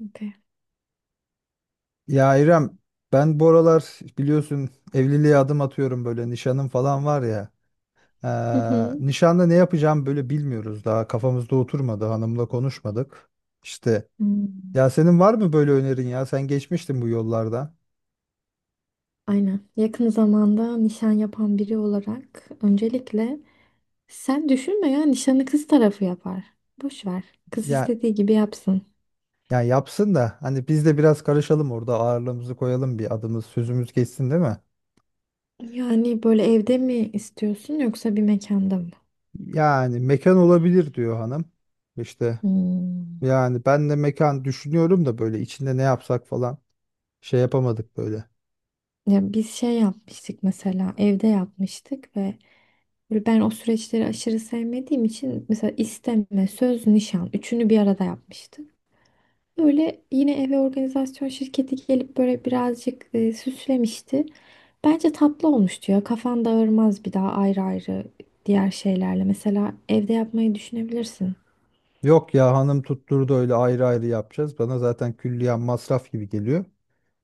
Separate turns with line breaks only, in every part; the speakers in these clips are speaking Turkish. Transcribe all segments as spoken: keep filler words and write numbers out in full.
Okey.
Ya İrem ben bu aralar biliyorsun evliliğe adım atıyorum böyle nişanım falan var ya.
Hı hı.
Eee nişanda ne yapacağım böyle bilmiyoruz daha kafamızda oturmadı hanımla konuşmadık. İşte ya
Hmm.
senin var mı böyle önerin ya sen geçmiştin bu yollarda.
Aynen. Yakın zamanda nişan yapan biri olarak öncelikle sen düşünme ya, nişanı kız tarafı yapar. Boş ver. Kız
Ya
istediği gibi yapsın.
ya yapsın da hani biz de biraz karışalım orada ağırlığımızı koyalım bir adımız sözümüz geçsin değil mi?
Yani böyle evde mi istiyorsun yoksa bir mekanda mı?
Yani mekan olabilir diyor hanım. İşte
Hmm.
yani ben de mekan düşünüyorum da böyle içinde ne yapsak falan şey yapamadık böyle.
Ya biz şey yapmıştık, mesela evde yapmıştık ve böyle ben o süreçleri aşırı sevmediğim için mesela isteme, söz, nişan üçünü bir arada yapmıştık. Öyle yine eve organizasyon şirketi gelip böyle birazcık e, süslemişti. Bence tatlı olmuştu ya. Kafan dağılmaz bir daha ayrı ayrı diğer şeylerle. Mesela evde yapmayı düşünebilirsin.
Yok ya hanım tutturdu öyle ayrı ayrı yapacağız. Bana zaten külliyen masraf gibi geliyor.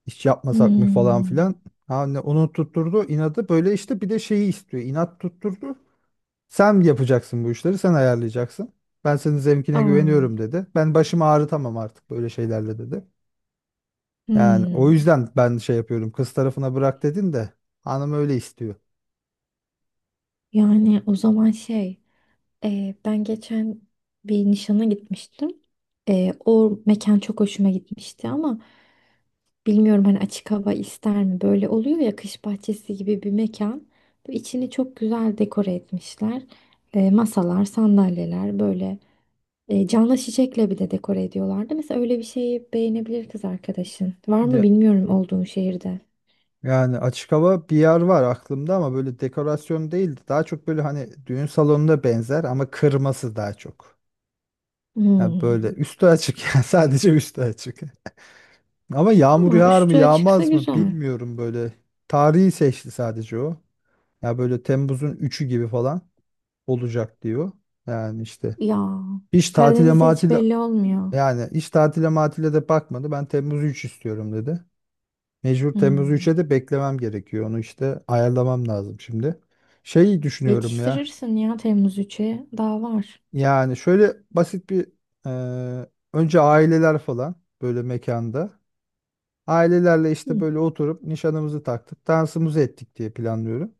İş yapmasak mı falan
Hmm.
filan. Hani onu tutturdu inadı böyle işte bir de şeyi istiyor. İnat tutturdu. Sen yapacaksın bu işleri sen ayarlayacaksın. Ben senin zevkine güveniyorum
Aa,
dedi. Ben başımı ağrıtamam artık böyle şeylerle dedi. Yani o
hmm.
yüzden ben şey yapıyorum kız tarafına bırak dedin de hanım öyle istiyor.
Yani o zaman şey, e, ben geçen bir nişana gitmiştim. E, o mekan çok hoşuma gitmişti ama bilmiyorum, hani açık hava ister mi? Böyle oluyor ya, kış bahçesi gibi bir mekan. Bu içini çok güzel dekore etmişler. E, masalar, sandalyeler böyle e, canlı çiçekle bir de dekore ediyorlardı. Mesela öyle bir şeyi beğenebilir kız arkadaşın. Var mı
Ya,
bilmiyorum olduğun şehirde.
yani açık hava bir yer var aklımda ama böyle dekorasyon değil. Daha çok böyle hani düğün salonuna benzer ama kırması daha çok. Yani böyle
Hmm.
üstü açık yani sadece üstü açık. Ama yağmur
Tamam,
yağar mı
üstü açıksa
yağmaz mı
güzel.
bilmiyorum böyle. Tarihi seçti sadece o. Ya böyle Temmuz'un üçü gibi falan olacak diyor. Yani işte
Ya,
hiç tatile
Karadeniz'de hiç
matile
belli olmuyor.
yani hiç tatile matile de bakmadı. Ben Temmuz üç istiyorum dedi. Mecbur Temmuz üçe
Hmm.
de beklemem gerekiyor. Onu işte ayarlamam lazım şimdi. Şeyi düşünüyorum ya.
Yetiştirirsin ya Temmuz üçe. Daha var.
Yani şöyle basit bir e, önce aileler falan böyle mekanda. Ailelerle işte
Hı
böyle oturup nişanımızı taktık, dansımızı ettik diye planlıyorum.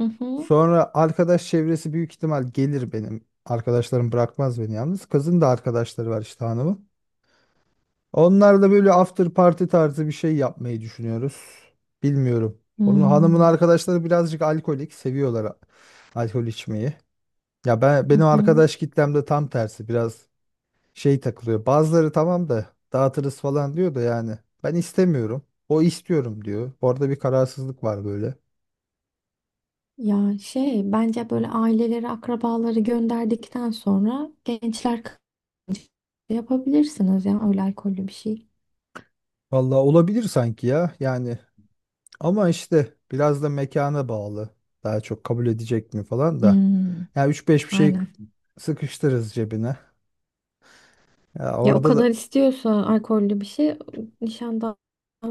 hı.
Sonra arkadaş çevresi büyük ihtimal gelir benim. Arkadaşlarım bırakmaz beni yalnız. Kızın da arkadaşları var işte hanımın. Onlarla böyle after party tarzı bir şey yapmayı düşünüyoruz. Bilmiyorum.
Hı
Onun hanımın
hı.
arkadaşları birazcık alkolik, seviyorlar a- alkol içmeyi. Ya ben
Hı
benim
hı.
arkadaş kitlemde tam tersi biraz şey takılıyor. Bazıları tamam da dağıtırız falan diyor da yani ben istemiyorum. O istiyorum diyor. Orada bir kararsızlık var böyle.
Ya şey, bence böyle aileleri, akrabaları gönderdikten sonra gençler kaçıncı yapabilirsiniz ya, öyle alkollü bir şey.
Vallahi olabilir sanki ya. Yani ama işte biraz da mekana bağlı. Daha çok kabul edecek mi falan da.
Hmm,
Ya üç beş bir şey
aynen.
sıkıştırırız cebine. Ya
Ya o
orada da
kadar istiyorsa alkollü bir şey, nişandan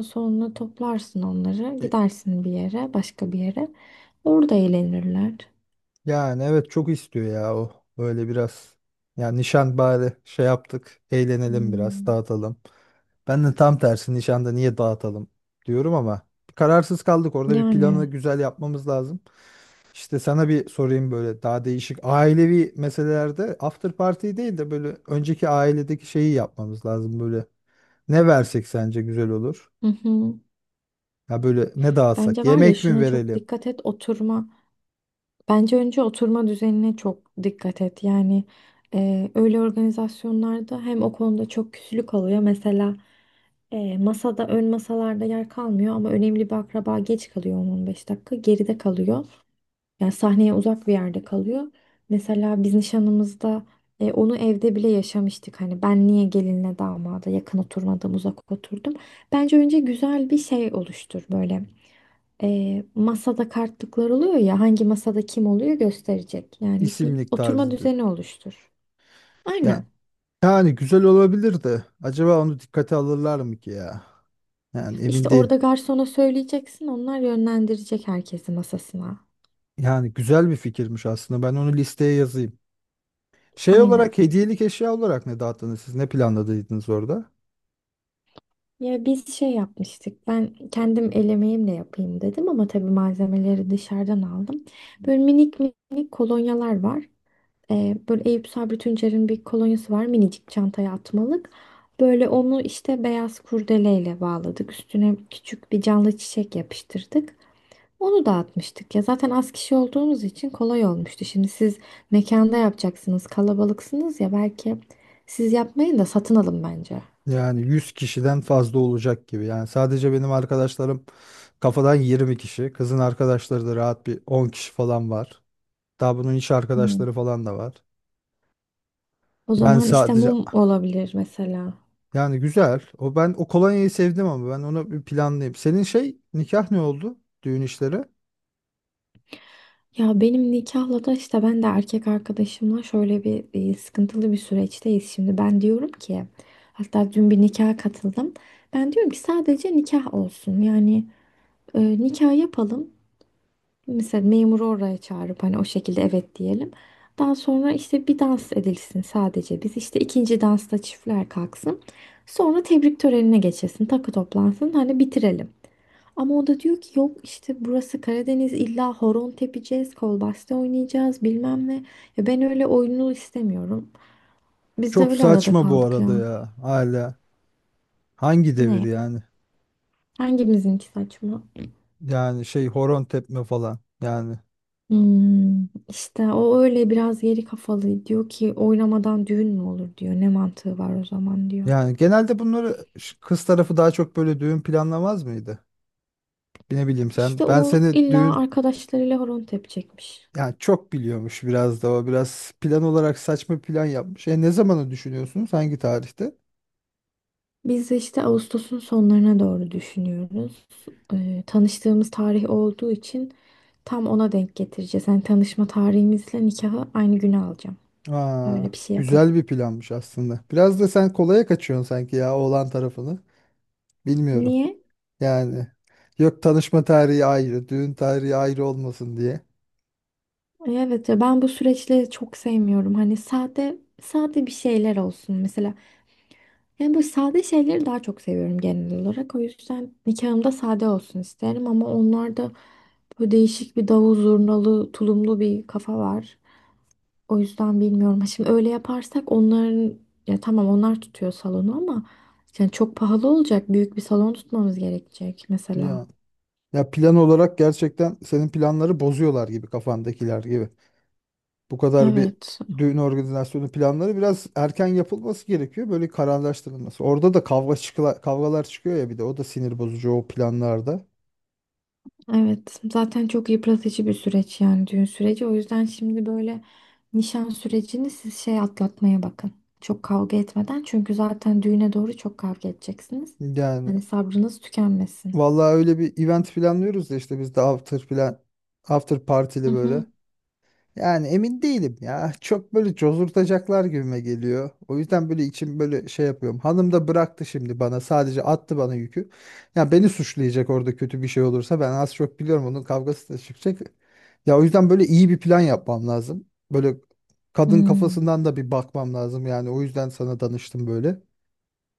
sonra toplarsın onları,
e,
gidersin bir yere, başka bir yere, orada eğlenirler.
yani evet çok istiyor ya o böyle biraz. Yani nişan bari şey yaptık eğlenelim biraz
Hmm,
dağıtalım. Ben de tam tersi nişanda niye dağıtalım diyorum ama kararsız kaldık orada bir planı
yani
güzel yapmamız lazım. İşte sana bir sorayım böyle daha değişik ailevi meselelerde after party değil de böyle önceki ailedeki şeyi yapmamız lazım böyle. Ne versek sence güzel olur?
hı hı.
Ya böyle ne dağıtsak?
Bence var ya,
Yemek mi
şuna çok
verelim?
dikkat et: oturma. Bence önce oturma düzenine çok dikkat et. Yani e, öyle organizasyonlarda hem o konuda çok küslük oluyor. Mesela e, masada, ön masalarda yer kalmıyor ama önemli bir akraba geç kalıyor, on on beş dakika geride kalıyor. Yani sahneye uzak bir yerde kalıyor. Mesela biz nişanımızda e, onu evde bile yaşamıştık. Hani ben niye gelinle damada yakın oturmadım, uzak oturdum. Bence önce güzel bir şey oluştur, böyle e, masada kartlıklar oluyor ya, hangi masada kim oluyor gösterecek. Yani bir
İsimlik
oturma
tarzı düz.
düzeni oluştur. Aynen.
Yani güzel olabilir de acaba onu dikkate alırlar mı ki ya? Yani emin
İşte
değil.
orada garsona söyleyeceksin, onlar yönlendirecek herkesi masasına.
Yani güzel bir fikirmiş aslında. Ben onu listeye yazayım. Şey
Aynen.
olarak hediyelik eşya olarak ne dağıttınız siz? Ne planladıydınız orada?
Ya biz şey yapmıştık. Ben kendim el emeğimle yapayım dedim ama tabii malzemeleri dışarıdan aldım. Böyle minik minik kolonyalar var. Ee, böyle Eyüp Sabri Tüncer'in bir kolonyası var, minicik çantaya atmalık. Böyle onu işte beyaz kurdeleyle bağladık. Üstüne küçük bir canlı çiçek yapıştırdık. Onu dağıtmıştık ya. Zaten az kişi olduğumuz için kolay olmuştu. Şimdi siz mekanda yapacaksınız, kalabalıksınız ya, belki siz yapmayın da satın alın bence.
Yani yüz kişiden fazla olacak gibi. Yani sadece benim arkadaşlarım kafadan yirmi kişi. Kızın arkadaşları da rahat bir on kişi falan var. Daha bunun iş
Hmm.
arkadaşları falan da var.
O
Yani
zaman işte
sadece
mum olabilir mesela.
yani güzel. O ben o kolonyayı sevdim ama ben onu bir planlayayım. Senin şey nikah ne oldu? Düğün işleri.
Ya benim nikahla da işte, ben de erkek arkadaşımla şöyle bir e, sıkıntılı bir süreçteyiz şimdi. Ben diyorum ki, hatta dün bir nikaha katıldım, ben diyorum ki sadece nikah olsun. Yani e, nikah yapalım. Mesela memuru oraya çağırıp hani o şekilde evet diyelim. Daha sonra işte bir dans edilsin sadece. Biz işte ikinci dansta çiftler kalksın. Sonra tebrik törenine geçilsin. Takı toplansın. Hani bitirelim. Ama o da diyor ki yok işte, burası Karadeniz, illa horon tepeceğiz, kolbasta oynayacağız bilmem ne. Ya ben öyle oyunlu istemiyorum. Biz de
Çok
öyle arada
saçma bu
kaldık
arada
ya.
ya hala. Hangi devir
Ne?
yani?
Hangimizinki saçma?
Yani şey horon tepme falan. Yani
Hmm, işte o öyle biraz geri kafalı, diyor ki oynamadan düğün mü olur diyor. Ne mantığı var o zaman diyor.
yani genelde bunları ş- kız tarafı daha çok böyle düğün planlamaz mıydı? Ne bileyim sen.
İşte
Ben
o
seni
illa
düğün
arkadaşlarıyla horon tepecekmiş.
yani çok biliyormuş biraz da o biraz plan olarak saçma plan yapmış. E ne zamanı düşünüyorsunuz? Hangi tarihte?
Biz işte Ağustos'un sonlarına doğru düşünüyoruz. Ee, tanıştığımız tarih olduğu için tam ona denk getireceğiz. Yani tanışma tarihimizle nikahı aynı güne alacağım.
Aa,
Öyle bir şey yaparım.
güzel bir planmış aslında. Biraz da sen kolaya kaçıyorsun sanki ya oğlan tarafını. Bilmiyorum.
Niye?
Yani yok tanışma tarihi ayrı, düğün tarihi ayrı olmasın diye.
E, Evet ya, ben bu süreçleri çok sevmiyorum. Hani sade sade bir şeyler olsun mesela. Yani bu sade şeyleri daha çok seviyorum genel olarak. O yüzden nikahımda sade olsun isterim ama onlarda böyle değişik bir davul zurnalı, tulumlu bir kafa var. O yüzden bilmiyorum. Ha, şimdi öyle yaparsak onların, ya tamam, onlar tutuyor salonu ama yani çok pahalı olacak. Büyük bir salon tutmamız gerekecek mesela.
Ya, ya plan olarak gerçekten senin planları bozuyorlar gibi kafandakiler gibi. Bu kadar bir
Evet.
düğün organizasyonu planları biraz erken yapılması gerekiyor. Böyle kararlaştırılması. Orada da kavga çıkıla, kavgalar çıkıyor ya bir de o da sinir bozucu o planlarda.
Evet. Zaten çok yıpratıcı bir süreç, yani düğün süreci. O yüzden şimdi böyle nişan sürecini siz şey atlatmaya bakın. Çok kavga etmeden. Çünkü zaten düğüne doğru çok kavga edeceksiniz.
Yani
Hani sabrınız tükenmesin.
vallahi öyle bir event planlıyoruz da işte biz de after plan after
Hı
partili böyle.
hı.
Yani emin değilim ya. Çok böyle cozurtacaklar gibime geliyor. O yüzden böyle içim böyle şey yapıyorum. Hanım da bıraktı şimdi bana. Sadece attı bana yükü. Ya beni suçlayacak orada kötü bir şey olursa. Ben az çok biliyorum onun kavgası da çıkacak. Ya o yüzden böyle iyi bir plan yapmam lazım. Böyle kadın
Hmm.
kafasından da bir bakmam lazım. Yani o yüzden sana danıştım böyle.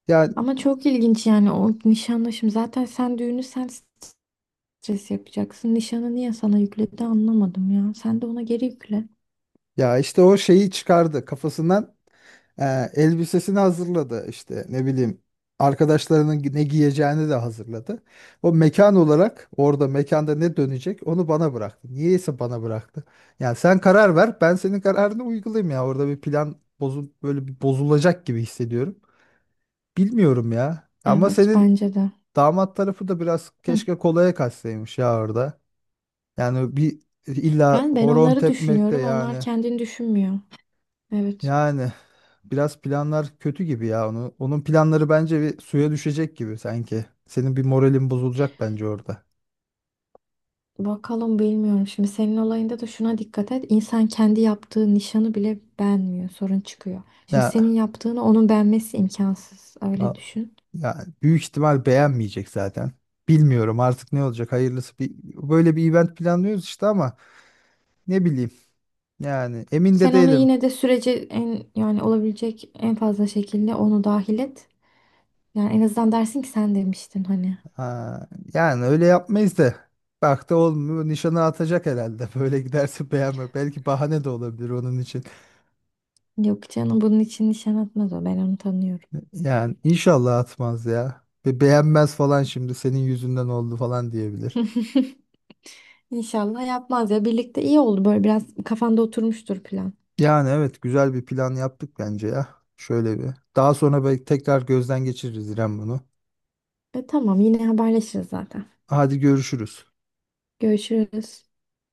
Ya,
Ama çok ilginç yani o nişanlaşım. Zaten sen düğünü, sen stres yapacaksın. Nişanı niye sana yükledi anlamadım ya. Sen de ona geri yükle.
ya işte o şeyi çıkardı kafasından. Ee, elbisesini hazırladı işte ne bileyim arkadaşlarının ne giyeceğini de hazırladı. O mekan olarak orada mekanda ne dönecek onu bana bıraktı. Niyeyse bana bıraktı. Yani sen karar ver ben senin kararını uygulayayım ya orada bir plan bozu böyle bir bozulacak gibi hissediyorum. Bilmiyorum ya ama
Evet,
senin
bence de.
damat tarafı da biraz
Hı.
keşke kolaya kaçsaymış ya orada. Yani bir illa
Yani ben
horon
onları
tepmek de
düşünüyorum. Onlar
yani
kendini düşünmüyor. Evet.
yani biraz planlar kötü gibi ya. Onu, onun planları bence bir suya düşecek gibi sanki. Senin bir moralin bozulacak bence orada.
Bakalım, bilmiyorum. Şimdi senin olayında da şuna dikkat et. İnsan kendi yaptığı nişanı bile beğenmiyor. Sorun çıkıyor. Şimdi senin
Ya,
yaptığını onun beğenmesi imkansız.
ya,
Öyle düşün.
ya büyük ihtimal beğenmeyecek zaten. Bilmiyorum artık ne olacak hayırlısı. Bir, böyle bir event planlıyoruz işte ama ne bileyim. Yani emin de
Sen onu
değilim.
yine de sürece, en yani olabilecek en fazla şekilde onu dahil et. Yani en azından dersin ki sen demiştin hani.
Ha, yani öyle yapmayız da. Bak da olmuyor. Nişanı atacak herhalde. Böyle giderse beğenme. Belki bahane de olabilir onun için.
Yok canım, bunun için nişan atmaz o. Ben onu tanıyorum.
Yani inşallah atmaz ya. Ve beğenmez falan şimdi senin yüzünden oldu falan diyebilir.
İnşallah yapmaz ya. Birlikte iyi oldu, böyle biraz kafanda oturmuştur plan.
Yani evet güzel bir plan yaptık bence ya. Şöyle bir. Daha sonra belki tekrar gözden geçiririz İrem bunu.
E tamam, yine haberleşiriz zaten.
Hadi görüşürüz.
Görüşürüz.